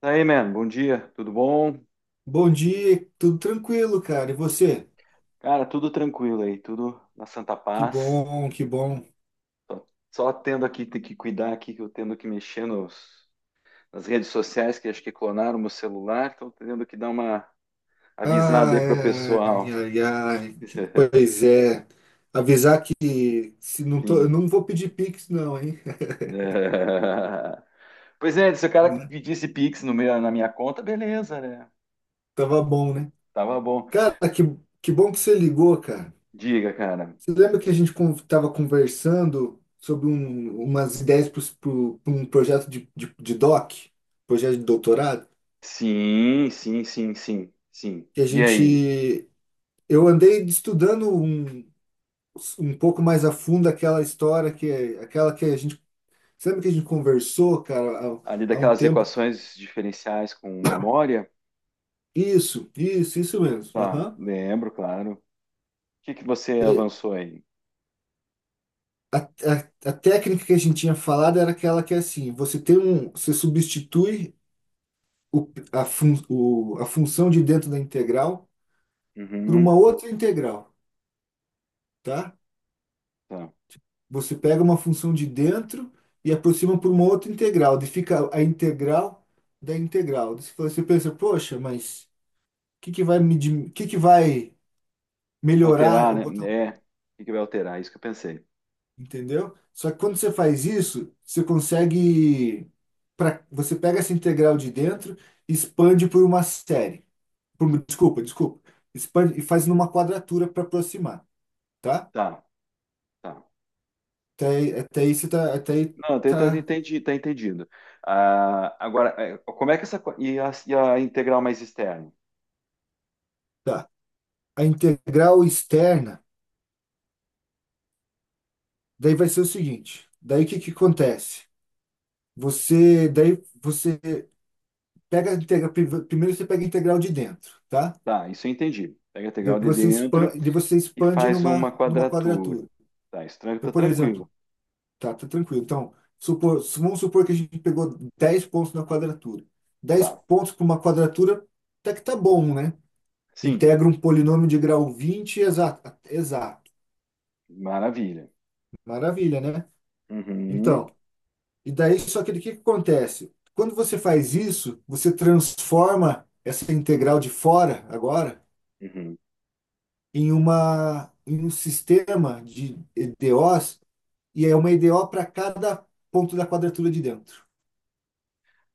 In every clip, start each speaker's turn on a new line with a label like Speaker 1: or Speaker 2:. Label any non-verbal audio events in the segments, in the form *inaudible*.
Speaker 1: Daí, man, bom dia, tudo bom?
Speaker 2: Bom dia, tudo tranquilo, cara. E você?
Speaker 1: Cara, tudo tranquilo aí, tudo na santa
Speaker 2: Que
Speaker 1: paz.
Speaker 2: bom, que bom.
Speaker 1: Só tendo aqui, ter que cuidar aqui, que eu tendo que mexer nas redes sociais, que acho que clonaram meu celular, então tendo que dar uma avisada aí pro
Speaker 2: Ai, ai,
Speaker 1: pessoal.
Speaker 2: ai, ai.
Speaker 1: *laughs*
Speaker 2: Pois é. Avisar que se não tô, eu
Speaker 1: Sim.
Speaker 2: não vou pedir Pix, não, hein?
Speaker 1: É. Pois é, se o cara
Speaker 2: Né?
Speaker 1: pedisse Pix no meu, na minha conta, beleza, né?
Speaker 2: Tava bom, né?
Speaker 1: Tava bom.
Speaker 2: Cara, que bom que você ligou, cara.
Speaker 1: Diga, cara.
Speaker 2: Você lembra que a gente tava conversando sobre umas ideias pro um projeto projeto de doutorado?
Speaker 1: Sim, sim, sim, sim, sim.
Speaker 2: Que a
Speaker 1: E aí?
Speaker 2: gente. Eu andei estudando um pouco mais a fundo aquela história que a gente, sabe que a gente conversou, cara,
Speaker 1: Ali
Speaker 2: há um
Speaker 1: daquelas
Speaker 2: tempo?
Speaker 1: equações diferenciais com
Speaker 2: *coughs*
Speaker 1: memória?
Speaker 2: Isso mesmo.
Speaker 1: Tá,
Speaker 2: Aham.
Speaker 1: lembro, claro. O que que você
Speaker 2: E
Speaker 1: avançou aí?
Speaker 2: a, a, a técnica que a gente tinha falado era aquela que é assim, você você substitui o, a, fun, o, a função de dentro da integral por uma
Speaker 1: Uhum,
Speaker 2: outra integral, tá?
Speaker 1: tá.
Speaker 2: Você pega uma função de dentro e aproxima por uma outra integral, daí fica a integral da integral. Daí você pensa, poxa, mas que vai melhorar
Speaker 1: Alterar,
Speaker 2: eu
Speaker 1: né?
Speaker 2: botar,
Speaker 1: É. O que que vai alterar? Isso que eu pensei.
Speaker 2: entendeu? Só que quando você faz isso, você consegue para você pega essa integral de dentro e expande por uma série. Por, desculpa. Expande e faz numa quadratura para aproximar, tá?
Speaker 1: Tá, tá.
Speaker 2: Até aí você tá, até aí
Speaker 1: Não, tá, tá, tá
Speaker 2: tá,
Speaker 1: entendi, tá entendido. Ah, agora, é, como é que essa. E e a integral mais externa?
Speaker 2: tá. A integral externa, daí vai ser o seguinte, daí o que que acontece? Você, daí você pega a integral, primeiro você pega a integral de dentro, tá?
Speaker 1: Tá, isso eu entendi. Pega a integral de dentro
Speaker 2: De você
Speaker 1: e
Speaker 2: expande
Speaker 1: faz uma
Speaker 2: numa
Speaker 1: quadratura.
Speaker 2: quadratura.
Speaker 1: Tá, isso
Speaker 2: Então,
Speaker 1: tá
Speaker 2: por
Speaker 1: tranquilo.
Speaker 2: exemplo, tá, tá tranquilo. Então, vamos supor que a gente pegou 10 pontos na quadratura. dez
Speaker 1: Tá.
Speaker 2: pontos para uma quadratura, até que tá bom, né?
Speaker 1: Sim,
Speaker 2: Integra um polinômio de grau 20 exato. Exato.
Speaker 1: maravilha.
Speaker 2: Maravilha, né?
Speaker 1: Uhum,
Speaker 2: Então, e daí, só que o que que acontece? Quando você faz isso, você transforma essa integral de fora agora
Speaker 1: uhum.
Speaker 2: em uma em um sistema de EDOs e é uma EDO para cada ponto da quadratura de dentro.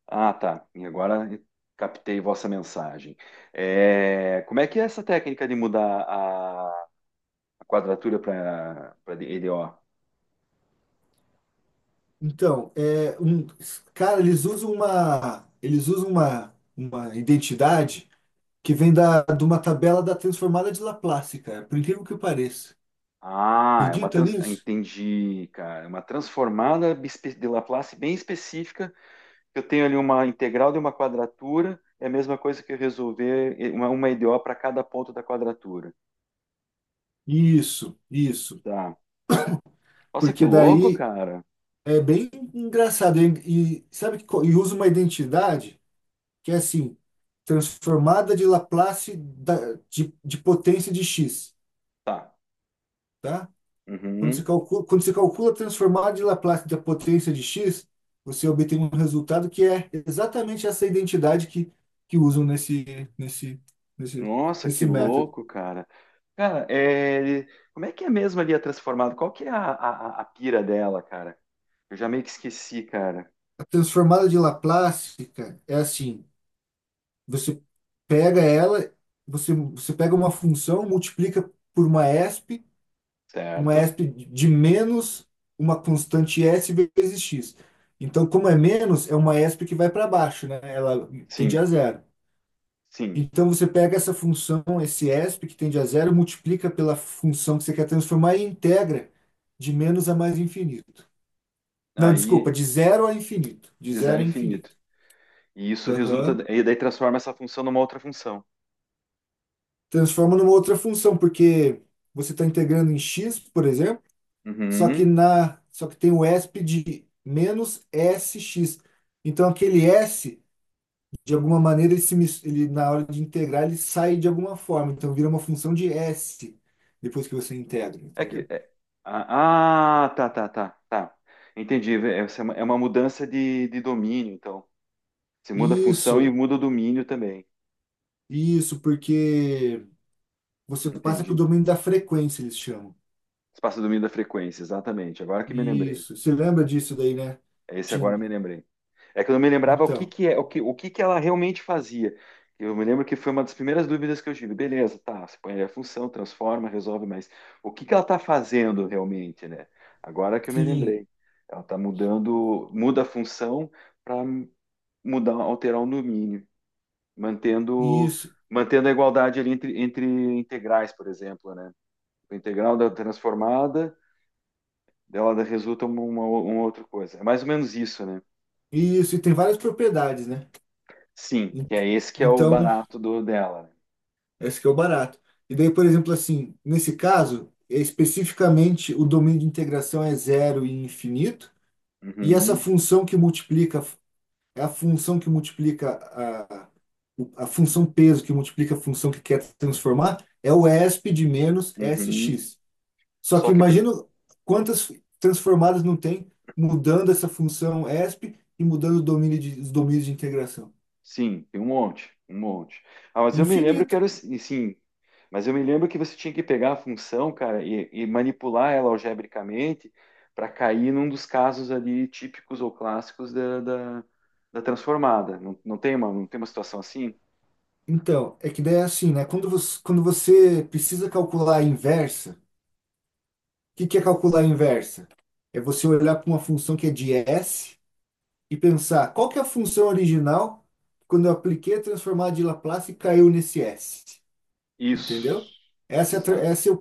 Speaker 1: Ah, tá. E agora captei vossa mensagem. É, como é que é essa técnica de mudar a quadratura para EDO?
Speaker 2: Então, é um, cara, eles usam uma identidade que vem de uma tabela da transformada de Laplace, cara, por incrível que pareça.
Speaker 1: Ah, é uma
Speaker 2: Acredita nisso?
Speaker 1: entendi, cara. É uma transformada de Laplace bem específica. Eu tenho ali uma integral de uma quadratura. É a mesma coisa que eu resolver uma EDO para cada ponto da quadratura.
Speaker 2: Isso, isso.
Speaker 1: Tá. Nossa, que
Speaker 2: Porque
Speaker 1: louco,
Speaker 2: daí
Speaker 1: cara.
Speaker 2: é bem engraçado. E sabe que e usa uma identidade que é assim, transformada de Laplace de potência de x,
Speaker 1: Tá.
Speaker 2: tá?
Speaker 1: Uhum.
Speaker 2: Quando se calcula a transformada de Laplace da potência de x, você obtém um resultado que é exatamente essa identidade que usam nesse, nesse,
Speaker 1: Nossa, que
Speaker 2: nesse método.
Speaker 1: louco, cara. Cara, é, como é que é mesmo ali a transformada? Qual que é a pira dela, cara? Eu já meio que esqueci, cara.
Speaker 2: A transformada de Laplace, cara, é assim, você pega ela, você pega uma função, multiplica por uma ESP, uma
Speaker 1: Certo?
Speaker 2: ESP de menos uma constante S vezes x. Então, como é menos, é uma ESP que vai para baixo, né? Ela tende
Speaker 1: Sim,
Speaker 2: a zero.
Speaker 1: sim.
Speaker 2: Então você pega essa função, esse ESP que tende a zero, multiplica pela função que você quer transformar e integra de menos a mais infinito. Não, desculpa,
Speaker 1: Aí,
Speaker 2: de zero a infinito. De
Speaker 1: de zero
Speaker 2: zero a
Speaker 1: a infinito.
Speaker 2: infinito.
Speaker 1: E isso resulta,
Speaker 2: Aham.
Speaker 1: e daí transforma essa função numa outra função.
Speaker 2: Transforma numa outra função, porque você está integrando em x, por exemplo,
Speaker 1: Uhum.
Speaker 2: só que tem o ESP de menos sx. Então aquele s, de alguma maneira, ele, se, mis- ele na hora de integrar, ele sai de alguma forma. Então vira uma função de s depois que você integra,
Speaker 1: É que.
Speaker 2: entendeu?
Speaker 1: É- ah, ah, Tá, tá. Entendi. Essa é uma mudança de domínio, então. Você muda a função e
Speaker 2: Isso,
Speaker 1: muda o domínio também.
Speaker 2: isso, porque você passa para o
Speaker 1: Entendi.
Speaker 2: domínio da frequência, eles chamam.
Speaker 1: Espaço de domínio da frequência, exatamente. Agora que me lembrei.
Speaker 2: Isso. Você lembra disso daí, né?
Speaker 1: Esse
Speaker 2: Tinha-
Speaker 1: agora eu me lembrei. É que eu não me lembrava o que
Speaker 2: Então,
Speaker 1: que é, o que que ela realmente fazia. Eu me lembro que foi uma das primeiras dúvidas que eu tive. Beleza, tá, você põe a função, transforma, resolve, mas o que que ela está fazendo realmente, né? Agora que eu me
Speaker 2: sim,
Speaker 1: lembrei. Ela está mudando, muda a função para mudar, alterar o domínio, mantendo,
Speaker 2: isso,
Speaker 1: mantendo a igualdade ali entre, entre integrais, por exemplo, né? O integral da transformada, dela resulta uma outra coisa. É mais ou menos isso, né?
Speaker 2: isso. E tem várias propriedades, né?
Speaker 1: Sim,
Speaker 2: En-
Speaker 1: que é esse que é o
Speaker 2: Então,
Speaker 1: barato do dela. Né?
Speaker 2: esse que é o barato. E daí, por exemplo, assim, nesse caso, é especificamente o domínio de integração é zero e infinito, e essa
Speaker 1: Uhum,
Speaker 2: função que multiplica É a função que multiplica a função peso que multiplica a função que quer transformar é o ESP de menos
Speaker 1: uhum.
Speaker 2: SX. Só que
Speaker 1: Só que,
Speaker 2: imagina quantas transformadas não tem mudando essa função ESP e mudando o domínio de, os domínios de integração.
Speaker 1: sim, tem um monte, um monte. Ah, mas eu me lembro que
Speaker 2: Infinito.
Speaker 1: era assim, sim, mas eu me lembro que você tinha que pegar a função, cara, e manipular ela algebricamente para cair num dos casos ali típicos ou clássicos da transformada. Não, não tem uma, não tem uma situação assim?
Speaker 2: Então, é que daí é assim, né? Quando você precisa calcular a inversa, o que que é calcular a inversa? É você olhar para uma função que é de S e pensar qual que é a função original quando eu apliquei a transformada de Laplace e caiu nesse S. Entendeu?
Speaker 1: Isso,
Speaker 2: Essa é, a tra-
Speaker 1: exato.
Speaker 2: essa é o,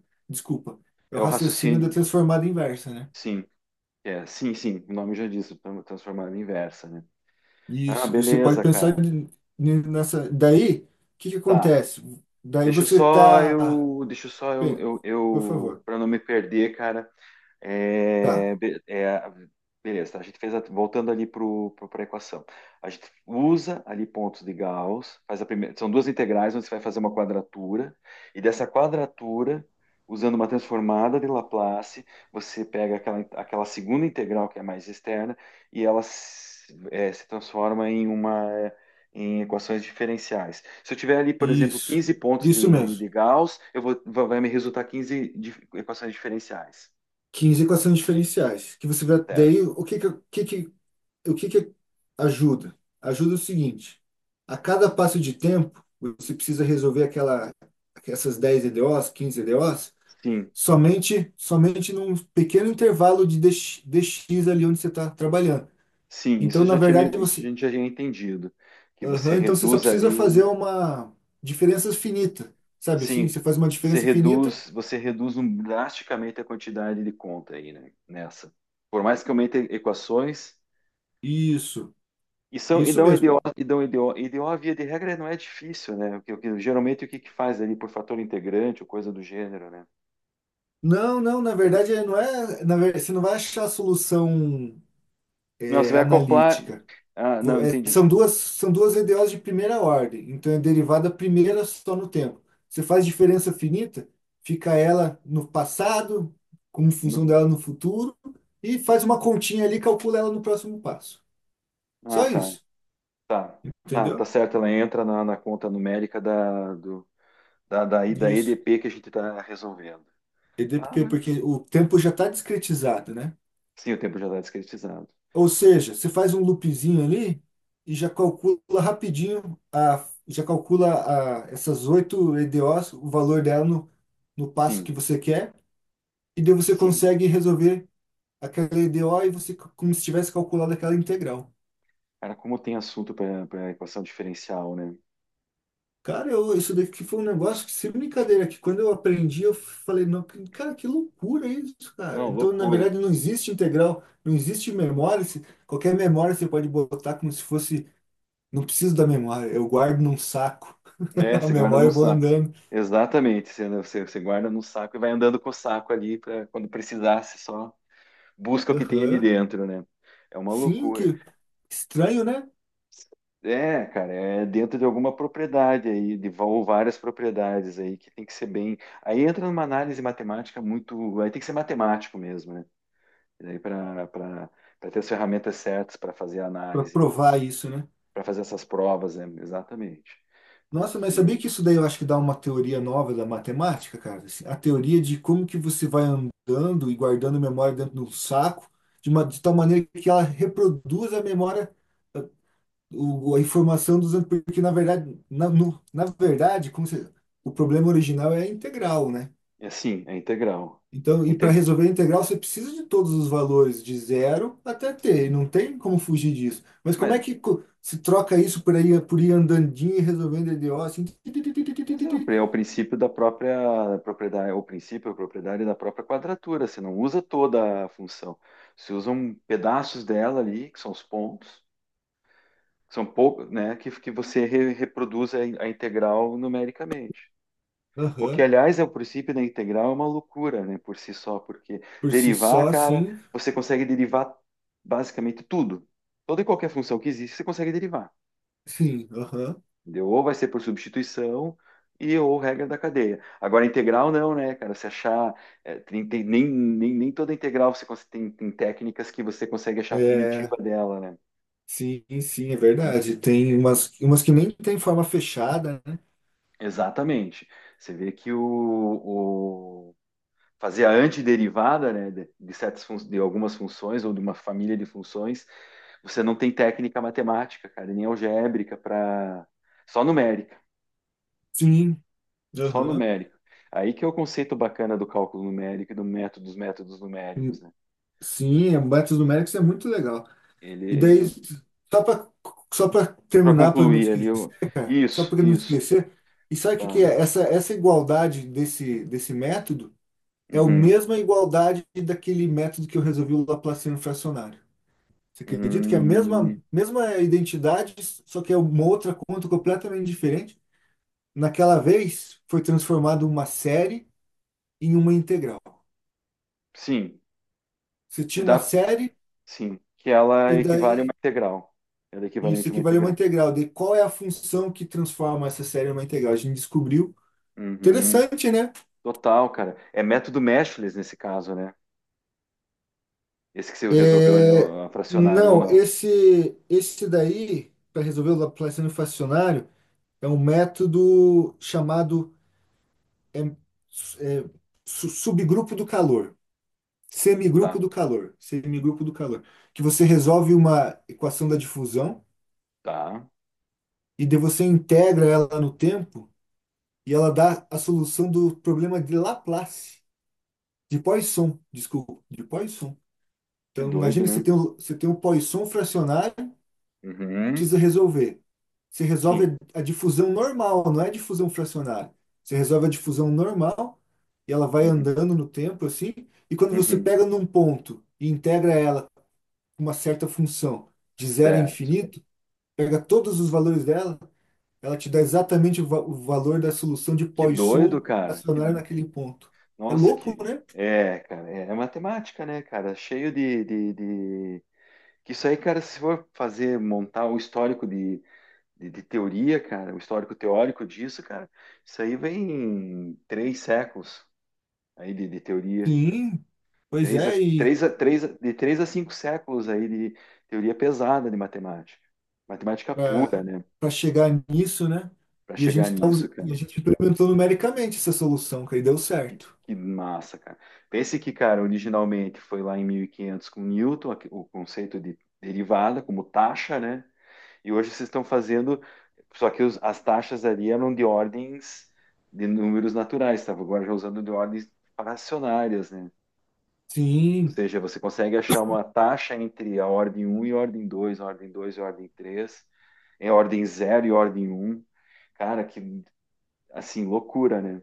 Speaker 2: *laughs* desculpa, é
Speaker 1: É
Speaker 2: o
Speaker 1: o
Speaker 2: raciocínio da
Speaker 1: raciocínio,
Speaker 2: transformada inversa, né?
Speaker 1: sim, é, sim, sim, o nome já diz, transformada inversa, né? Ah,
Speaker 2: Isso. E você pode
Speaker 1: beleza,
Speaker 2: pensar
Speaker 1: cara.
Speaker 2: nessa. Daí, o que que
Speaker 1: Tá.
Speaker 2: acontece? Daí
Speaker 1: Deixa eu
Speaker 2: você
Speaker 1: só
Speaker 2: tá.
Speaker 1: eu, deixa eu só
Speaker 2: Pê, Por
Speaker 1: eu
Speaker 2: favor.
Speaker 1: para não me perder, cara,
Speaker 2: Tá.
Speaker 1: é, be- é, beleza, tá? A gente voltando ali para a equação. A gente usa ali pontos de Gauss, faz a primeira, são duas integrais onde você vai fazer uma quadratura, e dessa quadratura, usando uma transformada de Laplace, você pega aquela, aquela segunda integral que é mais externa e ela se transforma em uma em equações diferenciais. Se eu tiver ali, por exemplo,
Speaker 2: Isso.
Speaker 1: 15 pontos
Speaker 2: Isso mesmo.
Speaker 1: de Gauss, eu vou, vai me resultar 15 equações diferenciais.
Speaker 2: 15 equações diferenciais. Que você vai. Daí,
Speaker 1: Certo?
Speaker 2: o que que ajuda? Ajuda o seguinte: a cada passo de tempo, você precisa resolver essas 10 EDOs, 15 EDOs,
Speaker 1: Sim,
Speaker 2: somente num pequeno intervalo de DX ali onde você está trabalhando.
Speaker 1: sim, isso
Speaker 2: Então,
Speaker 1: eu
Speaker 2: na
Speaker 1: já tinha,
Speaker 2: verdade,
Speaker 1: a
Speaker 2: você,
Speaker 1: gente já tinha entendido, que você
Speaker 2: Aham, então você só
Speaker 1: reduz
Speaker 2: precisa
Speaker 1: ali
Speaker 2: fazer
Speaker 1: o,
Speaker 2: uma diferença finita, sabe assim?
Speaker 1: sim,
Speaker 2: Você faz uma diferença finita.
Speaker 1: você reduz drasticamente a quantidade de conta aí, né, nessa. Por mais que aumente equações,
Speaker 2: Isso,
Speaker 1: e são,
Speaker 2: isso
Speaker 1: e dão EDO,
Speaker 2: mesmo.
Speaker 1: e dão EDO, EDO via de regra não é difícil, né, geralmente o que que faz ali por fator integrante ou coisa do gênero, né.
Speaker 2: Não, não, na verdade não é, na verdade, você não vai achar a solução
Speaker 1: Não, você vai acoplar,
Speaker 2: analítica.
Speaker 1: ah, não, entendi.
Speaker 2: São duas EDOs de primeira ordem, então é derivada primeira só no tempo. Você faz diferença finita, fica ela no passado, como função
Speaker 1: No-
Speaker 2: dela no futuro, e faz uma continha ali, calcula ela no próximo passo.
Speaker 1: Ah,
Speaker 2: Só isso,
Speaker 1: tá, tá
Speaker 2: entendeu?
Speaker 1: certo, ela entra na, na conta numérica da
Speaker 2: Isso.
Speaker 1: EDP que a gente está resolvendo. Ah,
Speaker 2: EDP,
Speaker 1: não.
Speaker 2: porque o tempo já está discretizado, né?
Speaker 1: Sim, o tempo já está discretizado.
Speaker 2: Ou seja, você faz um loopzinho ali e já calcula rapidinho, a, já calcula a, essas oito EDOs, o valor dela no passo
Speaker 1: Sim,
Speaker 2: que você quer. E daí você
Speaker 1: sim.
Speaker 2: consegue resolver aquela EDO e você, como se tivesse calculado aquela integral.
Speaker 1: Cara, como tem assunto para equação diferencial, né?
Speaker 2: Cara, eu, isso daqui foi um negócio que, sem brincadeira, que quando eu aprendi, eu falei, não, cara, que loucura isso, cara.
Speaker 1: Não,
Speaker 2: Então, na
Speaker 1: loucura.
Speaker 2: verdade, não existe integral, não existe memória. Qualquer memória você pode botar como se fosse, não preciso da memória, eu guardo num saco.
Speaker 1: É,
Speaker 2: *laughs* A
Speaker 1: você guarda
Speaker 2: memória
Speaker 1: num
Speaker 2: eu vou
Speaker 1: saco.
Speaker 2: andando.
Speaker 1: Exatamente. Você guarda num saco e vai andando com o saco ali para quando precisar, você só busca o que tem ali
Speaker 2: Aham.
Speaker 1: dentro, né? É uma
Speaker 2: Sim,
Speaker 1: loucura.
Speaker 2: que estranho, né?
Speaker 1: É, cara, é dentro de alguma propriedade aí, de ou várias propriedades aí que tem que ser bem. Aí entra numa análise matemática muito. Aí tem que ser matemático mesmo, né? E daí para ter as ferramentas certas para fazer a
Speaker 2: Pra
Speaker 1: análise,
Speaker 2: provar isso, né?
Speaker 1: para fazer essas provas, né? Exatamente.
Speaker 2: Nossa, mas sabia
Speaker 1: Porque,
Speaker 2: que isso daí eu acho que dá uma teoria nova da matemática, cara? Assim, a teoria de como que você vai andando e guardando memória dentro do saco, de, uma, de tal maneira que ela reproduz a memória, eh, a informação dos porque na verdade, na verdade, como o problema original é a integral, né?
Speaker 1: é assim, é integral.
Speaker 2: Então, e para
Speaker 1: Inte-
Speaker 2: resolver a integral, você precisa de todos os valores, de zero até t, e
Speaker 1: sim.
Speaker 2: não tem como fugir disso. Mas como é
Speaker 1: Mas,
Speaker 2: que se troca isso por aí, por ir andandinho e resolvendo EDO assim?
Speaker 1: mas é, é o princípio da própria propriedade, é o princípio, a propriedade da própria quadratura. Você não usa toda a função. Você usa um pedaços dela ali, que são os pontos, que são poucos, né? Que você reproduz a integral numericamente. O que,
Speaker 2: Aham.
Speaker 1: aliás, é o princípio da integral, é uma loucura, né, por si só, porque
Speaker 2: Por si
Speaker 1: derivar,
Speaker 2: só,
Speaker 1: cara,
Speaker 2: sim.
Speaker 1: você consegue derivar basicamente tudo. Toda e qualquer função que existe, você consegue derivar.
Speaker 2: Sim, aham.
Speaker 1: Entendeu? Ou vai ser por substituição e ou regra da cadeia. Agora, integral não, né, cara? Você achar. É, nem toda integral você tem, tem técnicas que você consegue achar a
Speaker 2: É,
Speaker 1: primitiva dela, né?
Speaker 2: sim, sim, é
Speaker 1: E-
Speaker 2: verdade. Tem umas, umas que nem tem forma fechada, né?
Speaker 1: Exatamente. Você vê que o, fazer a antiderivada né, certas de algumas funções ou de uma família de funções, você não tem técnica matemática, cara, nem algébrica para só numérica,
Speaker 2: Sim,
Speaker 1: só
Speaker 2: aham.
Speaker 1: numérica. Aí que é o conceito bacana do cálculo numérico e do método dos métodos
Speaker 2: Hum,
Speaker 1: numéricos, né?
Speaker 2: Sim, é, métodos numéricos é muito legal. E daí,
Speaker 1: Ele
Speaker 2: só para
Speaker 1: para
Speaker 2: terminar, para não
Speaker 1: concluir ali
Speaker 2: esquecer,
Speaker 1: eu...
Speaker 2: cara, só
Speaker 1: isso,
Speaker 2: para não
Speaker 1: isso,
Speaker 2: esquecer, e sabe o que que
Speaker 1: tá.
Speaker 2: é? Essa igualdade desse método é a
Speaker 1: Uhum.
Speaker 2: mesma igualdade daquele método que eu resolvi o Laplaciano fracionário. Você acredita que é a mesma,
Speaker 1: Hum,
Speaker 2: mesma identidade, só que é uma outra conta completamente diferente? Naquela vez, foi transformado uma série em uma integral.
Speaker 1: sim,
Speaker 2: Você
Speaker 1: que
Speaker 2: tinha uma
Speaker 1: dá,
Speaker 2: série
Speaker 1: sim, que ela
Speaker 2: e
Speaker 1: equivale a uma
Speaker 2: daí
Speaker 1: integral. Ela é
Speaker 2: isso
Speaker 1: equivalente a uma
Speaker 2: equivale a uma
Speaker 1: integral.
Speaker 2: integral. De qual é a função que transforma essa série em uma integral? A gente descobriu.
Speaker 1: Uhum.
Speaker 2: Interessante, né?
Speaker 1: Total, cara. É método Meshless nesse caso, né? Esse que você resolveu, né?
Speaker 2: É,
Speaker 1: A fracionário ou
Speaker 2: não,
Speaker 1: não.
Speaker 2: esse daí, para resolver o Laplaciano fracionário, é um método chamado é, é, subgrupo do calor. Semigrupo
Speaker 1: Tá,
Speaker 2: do calor, semigrupo do calor, que você resolve uma equação da difusão
Speaker 1: tá.
Speaker 2: e daí você integra ela no tempo e ela dá a solução do problema de Laplace, de Poisson, desculpa, de Poisson.
Speaker 1: Que
Speaker 2: Então
Speaker 1: doido,
Speaker 2: imagina que você
Speaker 1: né?
Speaker 2: tem você tem um Poisson fracionário, precisa
Speaker 1: Uhum.
Speaker 2: resolver. Você
Speaker 1: Sim.
Speaker 2: resolve a difusão normal, não é a difusão fracionária. Você resolve a difusão normal e ela vai
Speaker 1: Uhum.
Speaker 2: andando no tempo assim, e quando você
Speaker 1: Uhum.
Speaker 2: pega num ponto e integra ela uma certa função de zero a
Speaker 1: Certo.
Speaker 2: infinito, pega todos os valores dela, ela te dá exatamente o valor da solução de
Speaker 1: Que
Speaker 2: Poisson
Speaker 1: doido, cara.
Speaker 2: acionária
Speaker 1: Que...
Speaker 2: naquele ponto. É
Speaker 1: Nossa,
Speaker 2: louco,
Speaker 1: que.
Speaker 2: né?
Speaker 1: É, cara. É, é matemática, né, cara? Cheio de, que isso aí, cara, se for fazer, montar o histórico de teoria, cara, o histórico teórico disso, cara, isso aí vem em 3 séculos aí de teoria.
Speaker 2: Sim, pois é, e
Speaker 1: De 3 a 5 séculos aí de teoria pesada de matemática. Matemática pura, né?
Speaker 2: para chegar nisso, né?
Speaker 1: Para
Speaker 2: E a
Speaker 1: chegar
Speaker 2: gente tá,
Speaker 1: nisso,
Speaker 2: e a
Speaker 1: cara.
Speaker 2: gente implementou numericamente essa solução, que aí deu certo.
Speaker 1: Que massa, cara. Pense que, cara, originalmente foi lá em 1500 com Newton, o conceito de derivada como taxa, né? E hoje vocês estão fazendo, só que as taxas ali eram de ordens de números naturais, estava agora já usando de ordens fracionárias, né? Ou
Speaker 2: Sim,
Speaker 1: seja, você consegue achar uma taxa entre a ordem um e a ordem 2 e a ordem 3, é a ordem zero e a ordem um, cara, que assim, loucura, né?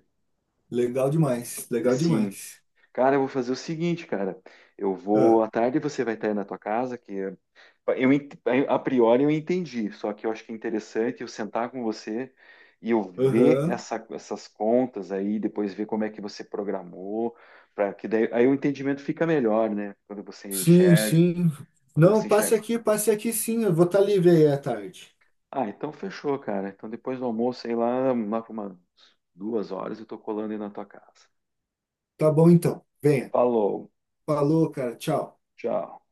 Speaker 2: legal demais, legal
Speaker 1: Sim.
Speaker 2: demais.
Speaker 1: Cara, eu vou fazer o seguinte, cara. Eu
Speaker 2: Ah,
Speaker 1: vou à tarde você vai estar aí na tua casa, que é, eu ent- a priori eu entendi, só que eu acho que é interessante eu sentar com você e eu ver
Speaker 2: Aham.
Speaker 1: essas contas aí, depois ver como é que você programou, para que daí aí o entendimento fica melhor, né? Quando você
Speaker 2: Sim,
Speaker 1: enxerga.
Speaker 2: sim.
Speaker 1: Quando
Speaker 2: Não,
Speaker 1: você chega.
Speaker 2: passe aqui sim, eu vou estar livre aí à tarde.
Speaker 1: Ah, então fechou, cara. Então depois do almoço, sei lá, lá por umas 2 horas eu tô colando aí na tua casa.
Speaker 2: Tá bom então. Venha.
Speaker 1: Falou,
Speaker 2: Falou, cara. Tchau.
Speaker 1: tchau.